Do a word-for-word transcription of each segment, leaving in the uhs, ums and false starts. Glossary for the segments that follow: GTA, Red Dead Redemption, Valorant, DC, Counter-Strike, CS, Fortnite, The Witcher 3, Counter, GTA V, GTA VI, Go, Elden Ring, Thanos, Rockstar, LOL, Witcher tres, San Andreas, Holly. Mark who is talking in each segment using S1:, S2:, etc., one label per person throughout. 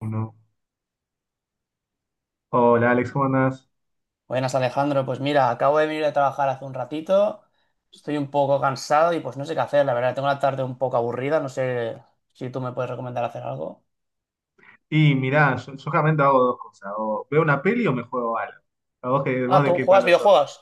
S1: Uno. Hola Alex, ¿cómo andás?
S2: Buenas Alejandro, pues mira, acabo de venir de trabajar hace un ratito, estoy un poco cansado y pues no sé qué hacer, la verdad, tengo la tarde un poco aburrida, no sé si tú me puedes recomendar hacer algo.
S1: Y mirá, yo, yo realmente hago dos cosas. O veo una peli o me juego algo. ¿A vos, que, vos
S2: Ah,
S1: de
S2: ¿tú
S1: qué
S2: juegas
S1: palo sos?
S2: videojuegos?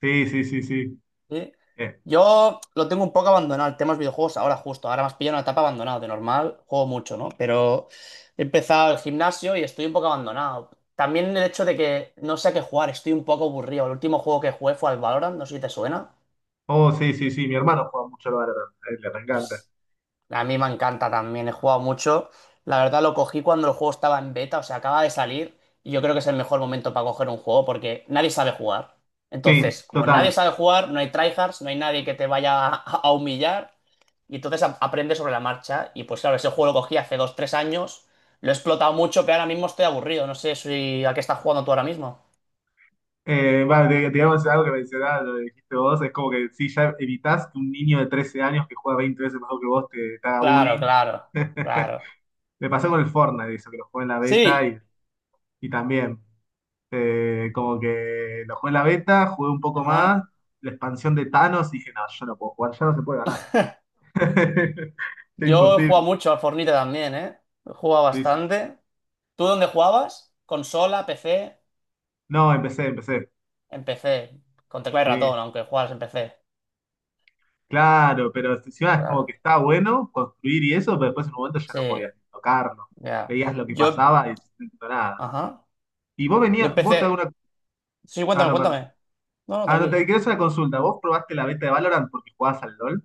S1: Sí, sí, sí, sí.
S2: Sí.
S1: Eh,
S2: Yo lo tengo un poco abandonado, el tema de los videojuegos ahora justo, ahora más pillo en una etapa abandonado, de normal juego mucho, ¿no? Pero he empezado el gimnasio y estoy un poco abandonado. También el hecho de que no sé a qué jugar, estoy un poco aburrido. El último juego que jugué fue al Valorant, no sé si te suena.
S1: Oh, sí, sí, sí. Mi hermano juega mucho al Valorant. A él le encanta.
S2: A mí me encanta también, he jugado mucho. La verdad lo cogí cuando el juego estaba en beta, o sea, acaba de salir y yo creo que es el mejor momento para coger un juego porque nadie sabe jugar.
S1: Sí,
S2: Entonces, como
S1: total.
S2: nadie sabe jugar, no hay tryhards, no hay nadie que te vaya a, a humillar y entonces a- aprendes sobre la marcha. Y pues claro, ese juego lo cogí hace dos, tres años, lo he explotado mucho, pero ahora mismo estoy aburrido, no sé si a qué estás jugando tú ahora mismo.
S1: Eh, va, di- digamos algo que mencionabas, lo que dijiste vos, es como que sí, ya evitás que un niño de trece años que juega veinte veces mejor que vos te, te haga
S2: Claro,
S1: bullying.
S2: claro, claro.
S1: Me pasó con el Fortnite, eso, que lo jugué en la beta
S2: Sí,
S1: y, y también. Eh, como que lo jugué en la beta, jugué un poco más,
S2: ajá.
S1: la expansión de Thanos, dije, no, yo no puedo jugar, ya no se puede ganar. Es
S2: Yo he
S1: imposible.
S2: jugado mucho al Fornite también, ¿eh? He jugado
S1: Sí, sí.
S2: bastante. ¿Tú dónde jugabas? ¿Consola, P C?
S1: No, empecé, empecé.
S2: En P C, con tecla y
S1: Sí,
S2: ratón, aunque juegas en P C.
S1: claro, pero si encima es como
S2: Claro.
S1: que está bueno construir y eso, pero después en un momento ya
S2: Sí,
S1: no podías ni tocarlo.
S2: ya.
S1: Veías lo que
S2: Yo,
S1: pasaba y no entiendo nada.
S2: ajá.
S1: Y vos
S2: Yo
S1: venías, vos te
S2: empecé.
S1: hago una.
S2: Sí,
S1: Ah,
S2: cuéntame,
S1: no, perdón.
S2: cuéntame. No, no,
S1: Ah, no,
S2: tranquilo.
S1: te quiero hacer una consulta. ¿Vos probaste la beta de Valorant porque jugabas al LOL?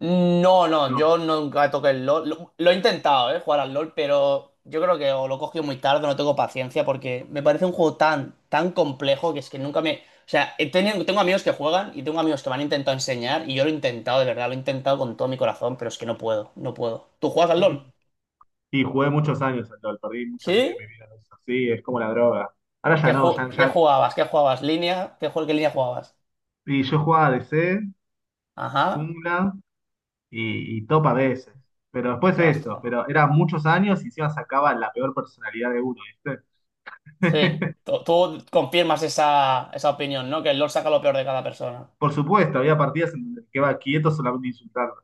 S2: No, no, yo nunca toqué el LOL. Lo, lo he intentado, eh, jugar al LOL, pero yo creo que o lo he cogido muy tarde, no tengo paciencia, porque me parece un juego tan, tan complejo que es que nunca me. O sea, he tenido- tengo amigos que juegan y tengo amigos que me han intentado enseñar y yo lo he intentado, de verdad, lo he intentado con todo mi corazón, pero es que no puedo, no puedo. ¿Tú juegas al
S1: No.
S2: LOL?
S1: Sí, jugué muchos años al LOL, perdí muchos años de
S2: ¿Sí?
S1: mi vida. En sí, es como la droga. Ahora ya
S2: ¿Qué,
S1: no,
S2: ju-
S1: ya,
S2: qué
S1: ya.
S2: jugabas? ¿Qué jugabas? ¿Línea? ¿Qué, jue- qué línea jugabas?
S1: Y yo jugaba D C,
S2: Ajá.
S1: jungla y, y top a veces. Pero después
S2: Tras,
S1: eso,
S2: joder.
S1: pero eran muchos años y encima sacaba la peor personalidad de uno, ¿viste?
S2: Sí. Tú, tú confirmas esa, esa opinión, ¿no? Que el LoL saca lo peor de cada persona.
S1: Por supuesto, había partidas en donde quedaba quieto solamente insultando.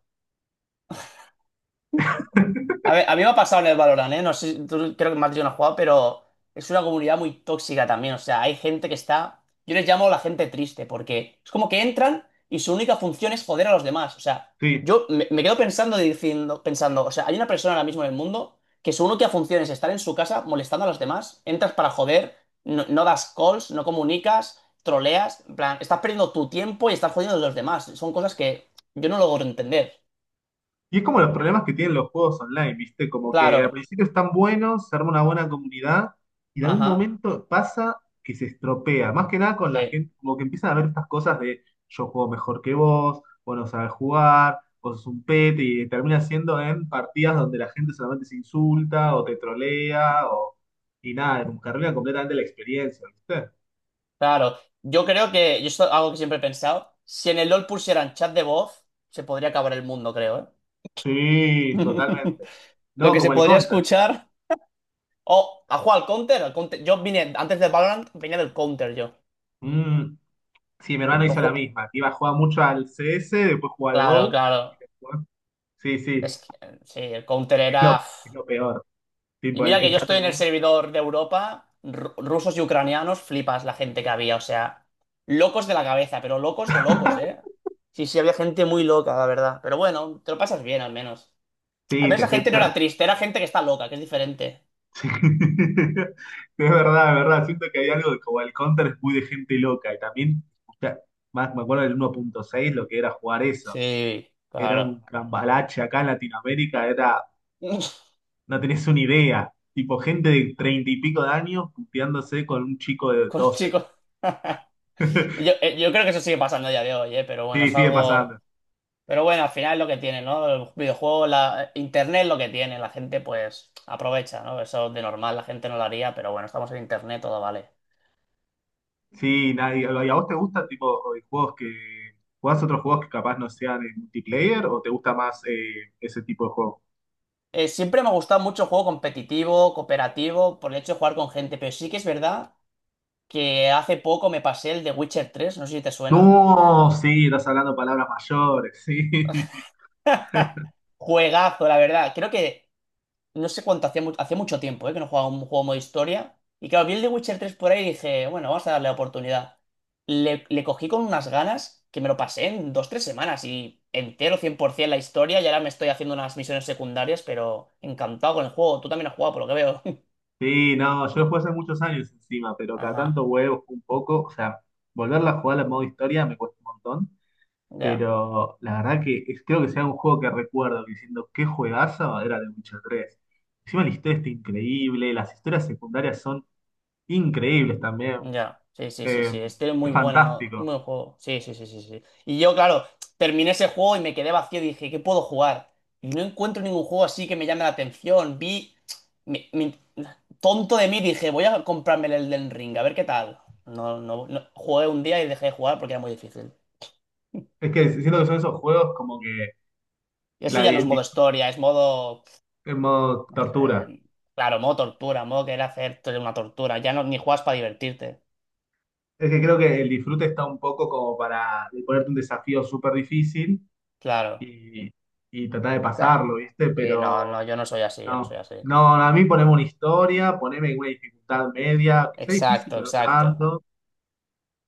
S2: A ver, a mí me ha pasado en el Valorant, ¿eh? No sé, tú creo que más yo no has jugado, pero es una comunidad muy tóxica también. O sea, hay gente que está. Yo les llamo la gente triste, porque es como que entran y su única función es joder a los demás. O sea,
S1: Sí.
S2: yo me, me quedo pensando diciendo, pensando, o sea, hay una persona ahora mismo en el mundo que su única función es estar en su casa molestando a los demás. Entras para joder, no, no das calls, no comunicas, troleas. En plan, estás perdiendo tu tiempo y estás jodiendo a los demás. Son cosas que yo no logro entender.
S1: Y es como los problemas que tienen los juegos online, ¿viste? Como que al
S2: Claro.
S1: principio están buenos, se arma una buena comunidad, y en algún
S2: Ajá.
S1: momento pasa que se estropea. Más que nada con la
S2: Sí.
S1: gente, como que empiezan a ver estas cosas de yo juego mejor que vos, vos no sabes jugar, vos sos un pete, y termina siendo en partidas donde la gente solamente se insulta o te trolea, o, y nada, como que arruina completamente la experiencia, ¿viste?
S2: Claro, yo creo que, yo esto es algo que siempre he pensado, si en el LOL pusieran chat de voz, se podría acabar el mundo, creo, ¿eh?
S1: Sí, totalmente.
S2: Lo
S1: No,
S2: que se
S1: como el
S2: podría
S1: counter.
S2: escuchar... Oh, ¿ha jugado al counter? al Counter- Yo vine, antes del Valorant, venía del counter yo.
S1: Mm. Sí, mi hermano
S2: Lo
S1: hizo la
S2: ju-
S1: misma. Iba a jugar mucho al C S, después jugó al
S2: Claro,
S1: Go.
S2: claro.
S1: Sí, sí,
S2: Es que, eh, sí, el counter
S1: es lo,
S2: era...
S1: es lo peor.
S2: Y
S1: Tipo, el,
S2: mira que
S1: el
S2: yo
S1: chat de
S2: estoy en el
S1: voz.
S2: servidor de Europa, ru- rusos y ucranianos, flipas la gente que había, o sea, locos de la cabeza, pero locos de locos, ¿eh? Sí, sí, había gente muy loca, la verdad. Pero bueno, te lo pasas bien al menos. A
S1: Sí,
S2: ver,
S1: te,
S2: esa
S1: te,
S2: gente no
S1: te-
S2: era triste, era gente que está loca, que es diferente.
S1: Sí. Es verdad, es verdad. Siento que hay algo de- como el Counter es muy de gente loca. Y también, ya, más, me acuerdo del uno punto seis, lo que era jugar eso.
S2: Sí,
S1: Era
S2: claro.
S1: un cambalache acá en Latinoamérica, era, no tenés una idea. Tipo, gente de treinta y pico de años puteándose con un chico de
S2: Con
S1: doce.
S2: chicos. Yo, eh, yo creo que eso sigue pasando a día de hoy, eh, pero bueno,
S1: Sí,
S2: es
S1: sigue pasando.
S2: algo. Pero bueno, al final es lo que tiene, ¿no? El videojuego, la... Internet es lo que tiene, la gente pues aprovecha, ¿no? Eso de normal la gente no lo haría, pero bueno, estamos en Internet, todo vale.
S1: Sí, nadie, ¿y a vos te gustan tipo eh, juegos que jugás, otros juegos que capaz no sean en multiplayer o te gusta más eh, ese tipo de juego?
S2: Eh, siempre me ha gustado mucho el juego competitivo, cooperativo, por el hecho de jugar con gente, pero sí que es verdad que hace poco me pasé el de Witcher tres, no sé si te suena.
S1: No, sí, estás hablando palabras mayores, sí.
S2: Juegazo, la verdad. Creo que No sé cuánto hacía, mu- hacía mucho tiempo, ¿eh? Que no jugaba un juego modo historia. Y claro, vi el de Witcher tres por ahí y dije, bueno, vamos a darle la oportunidad. Le, le cogí con unas ganas que me lo pasé en dos, tres semanas y entero cien por ciento la historia y ahora me estoy haciendo unas misiones secundarias, pero encantado con el juego. Tú también has jugado, por lo que veo.
S1: Sí, no, yo lo jugué hace muchos años encima, pero cada
S2: Ajá,
S1: tanto huevos un poco, o sea, volverla a jugar en modo historia me cuesta un montón,
S2: ya.
S1: pero la verdad que es- creo que sea un juego que recuerdo diciendo qué juegazo era de Witcher tres. Encima la historia está increíble, las historias secundarias son increíbles también.
S2: Ya, sí, sí, sí,
S1: Eh,
S2: sí. Este es
S1: es
S2: muy bueno, muy buen
S1: fantástico.
S2: juego. Sí, sí, sí, sí, sí. Y yo, claro, terminé ese juego y me quedé vacío y dije, ¿qué puedo jugar? Y no encuentro ningún juego así que me llame la atención. Vi, me- me- tonto de mí, dije, voy a comprarme el Elden Ring, a ver qué tal. No, no, no. Jugué un día y dejé de jugar porque era muy difícil.
S1: Es que siento que son esos juegos como que
S2: Y eso
S1: la,
S2: ya no es
S1: el di-
S2: modo historia, es modo, pues,
S1: en modo tortura.
S2: eh, claro, modo tortura, modo querer hacerte una tortura. Ya no, ni juegas para divertirte.
S1: Es que creo que el disfrute está un poco como para ponerte un desafío súper difícil
S2: Claro,
S1: y, y tratar de
S2: claro.
S1: pasarlo, ¿viste?
S2: Sí, no,
S1: Pero
S2: no, yo no soy así, yo no soy
S1: no,
S2: así.
S1: no, a mí poneme una historia, poneme una dificultad media, que sea difícil,
S2: Exacto,
S1: pero no
S2: exacto.
S1: tanto.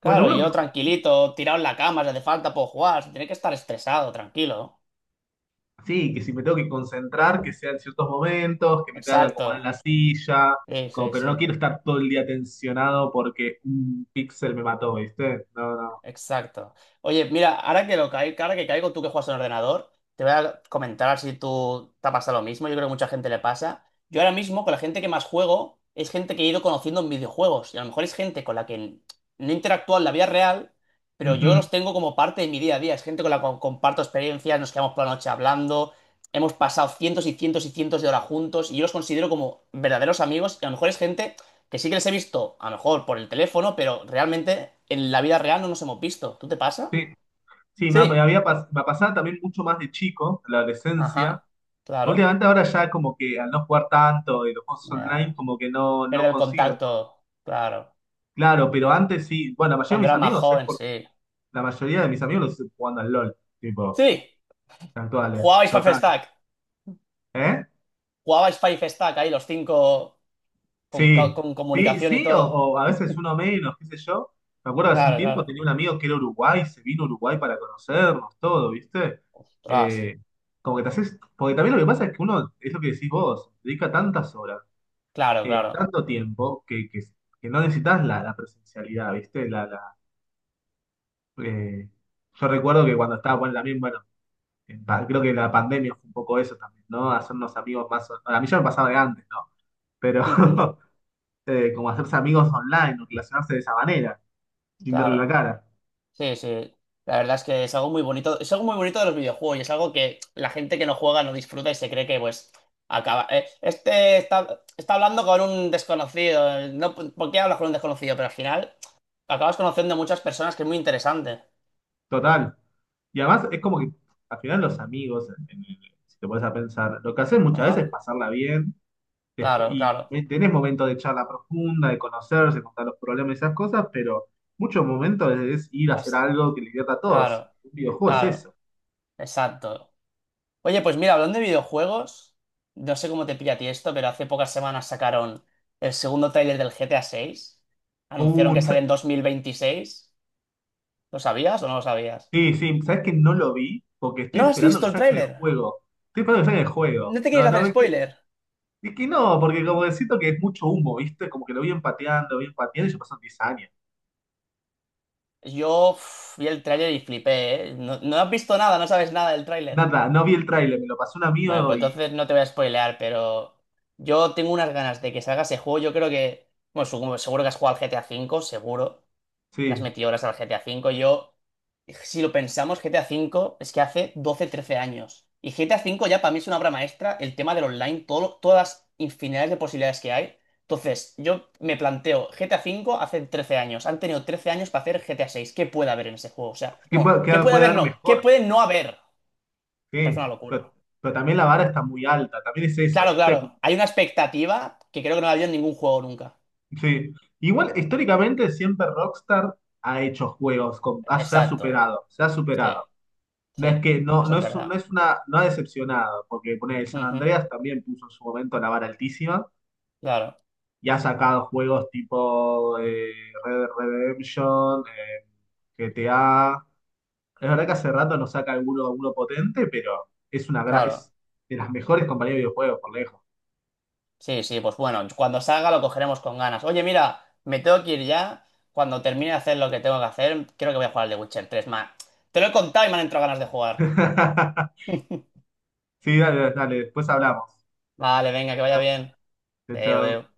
S1: Bueno, uno que
S2: yo tranquilito, tirado en la cama, si hace falta puedo jugar, sin tener que estar estresado, tranquilo.
S1: sí, que si me tengo que concentrar, que sea en ciertos momentos, que me tenga que acomodar en la
S2: Exacto.
S1: silla,
S2: Sí,
S1: como,
S2: sí,
S1: pero no
S2: sí.
S1: quiero estar todo el día tensionado porque un píxel me mató, ¿viste? No, no.
S2: Exacto. Oye, mira, ahora que lo cai- ahora que caigo, tú que juegas en ordenador, te voy a comentar a ver si tú te pasa lo mismo. Yo creo que mucha gente le pasa. Yo ahora mismo, con la gente que más juego, es gente que he ido conociendo en videojuegos. Y a lo mejor es gente con la que no interactúo en la vida real, pero yo
S1: Ujú.
S2: los tengo como parte de mi día a día. Es gente con la que comparto experiencias, nos quedamos por la noche hablando, hemos pasado cientos y cientos y cientos de horas juntos y yo los considero como verdaderos amigos. Y a lo mejor es gente que sí que les he visto, a lo mejor por el teléfono, pero realmente en la vida real no nos hemos visto. ¿Tú te pasa?
S1: Sí, sí, me, me
S2: Sí.
S1: había pas- me pasaba también mucho más de chico, en la adolescencia.
S2: Ajá. Claro.
S1: Últimamente ahora ya como que al no jugar tanto de los juegos online,
S2: Ya.
S1: como que no, no
S2: Pierde el
S1: consigo. Entonces,
S2: contacto. Claro.
S1: claro, pero antes sí, bueno, la mayoría de
S2: Cuando
S1: mis
S2: era más
S1: amigos es
S2: joven,
S1: por,
S2: sí.
S1: la mayoría de mis amigos los estoy jugando al LOL,
S2: Sí.
S1: tipo, actuales,
S2: Jugabais Five
S1: total.
S2: Stack.
S1: ¿Eh?
S2: Jugabais Five Stack ahí los cinco con, co-
S1: Sí,
S2: con
S1: sí,
S2: comunicación y
S1: sí, o,
S2: todo.
S1: o a veces uno menos, qué sé yo. Me acuerdo hace un
S2: Claro,
S1: tiempo
S2: claro.
S1: tenía un amigo que era Uruguay, se vino a Uruguay para conocernos, todo, ¿viste?
S2: Ostras.
S1: Eh, Como que te haces, porque también lo que pasa es que uno, es lo que decís vos, dedica tantas horas,
S2: Claro,
S1: eh,
S2: claro.
S1: tanto tiempo, que, que, que no necesitas la, la presencialidad, ¿viste? La, la, eh, yo recuerdo que cuando estaba, bueno, también, bueno, en pa- creo que la pandemia fue un poco eso también, ¿no? Hacernos amigos más, o- a mí ya me pasaba de antes, ¿no? Pero...
S2: Ujú.
S1: eh, como hacerse amigos online o relacionarse de esa manera, sin verle
S2: Claro.
S1: la cara.
S2: Sí, sí. La verdad es que es algo muy bonito. Es algo muy bonito de los videojuegos y es algo que la gente que no juega no disfruta y se cree que, pues, acaba. eh, este está, está hablando con un desconocido. eh, No, ¿por qué hablas con un desconocido? Pero al final acabas conociendo muchas personas que es muy interesante.
S1: Total. Y además es como que al final los amigos, en- en- si te pones a pensar, lo que hacen muchas veces es
S2: Ajá.
S1: pasarla bien despu-
S2: Claro,
S1: y
S2: claro.
S1: tenés momentos de charla profunda, de conocerse, contar los problemas y esas cosas, pero muchos momentos es ir a hacer
S2: Pas-
S1: algo que le divierta a todos.
S2: Claro,
S1: Un videojuego es
S2: claro.
S1: eso.
S2: Exacto. Oye, pues mira, hablando de videojuegos, no sé cómo te pilla a ti esto, pero hace pocas semanas sacaron el segundo tráiler del G T A seis. Anunciaron que
S1: Un-
S2: sale
S1: sa-
S2: en dos mil veintiséis. ¿Lo sabías o no lo sabías?
S1: sí, sí, ¿sabes que no lo vi? Porque estoy
S2: ¿No has
S1: esperando
S2: visto
S1: que
S2: el
S1: saquen el
S2: tráiler?
S1: juego. Estoy esperando que saquen el juego.
S2: ¿No te quieres
S1: No, no,
S2: hacer spoiler?
S1: y que no, porque como que siento que es mucho humo, ¿viste? Como que lo vi empateando, vi empateando y ya pasaron diez años.
S2: Yo uf, vi el tráiler y flipé, ¿eh? No, no has visto nada, no sabes nada del tráiler.
S1: Nada, no vi el tráiler, me lo pasó un
S2: Bueno,
S1: amigo
S2: pues
S1: y
S2: entonces no te voy a spoilear, pero yo tengo unas ganas de que salga ese juego. Yo creo que, bueno, su- seguro que has jugado al G T A cinco seguro. Las
S1: sí,
S2: metí horas al G T A V. Yo, si lo pensamos, G T A V es que hace doce trece años. Y G T A V ya para mí es una obra maestra, el tema del online, todo, lo- todas las infinidades de posibilidades que hay. Entonces, yo me planteo, G T A V hace trece años, han tenido trece años para hacer G T A seis. ¿Qué puede haber en ese juego? O sea,
S1: ¿qué
S2: bueno,
S1: puede, qué
S2: ¿qué puede
S1: puede
S2: haber?
S1: haber
S2: No, ¿qué
S1: mejor.
S2: puede no haber? Me parece
S1: Sí,
S2: una locura.
S1: pero, pero también la vara está muy alta, también es eso,
S2: Claro,
S1: ¿viste?
S2: claro,
S1: Como-
S2: hay una expectativa que creo que no la había en ningún juego nunca.
S1: sí. Igual, históricamente siempre Rockstar ha hecho juegos, con- ha- se ha
S2: Exacto,
S1: superado, se ha
S2: sí,
S1: superado.
S2: sí,
S1: No es que, no,
S2: eso
S1: no
S2: es
S1: es, un- no
S2: verdad.
S1: es una, no ha decepcionado, porque poner el San
S2: Ujú.
S1: Andreas también puso en su momento la vara altísima
S2: Claro,
S1: y ha sacado juegos tipo eh, Red Dead Redemption, eh, G T A. Es verdad que hace rato no saca alguno, alguno potente, pero es una gra-
S2: claro.
S1: es de las mejores compañías de videojuegos, por lejos.
S2: Sí, sí, pues bueno, cuando salga lo cogeremos con ganas. Oye, mira, me tengo que ir ya. Cuando termine de hacer lo que tengo que hacer, creo que voy a jugar al The Witcher tres. Ma, te lo he contado y me han entrado ganas de jugar.
S1: Sí, dale, dale, después hablamos.
S2: Vale, venga, que vaya
S1: Chao,
S2: bien. Deu,
S1: chao.
S2: deu.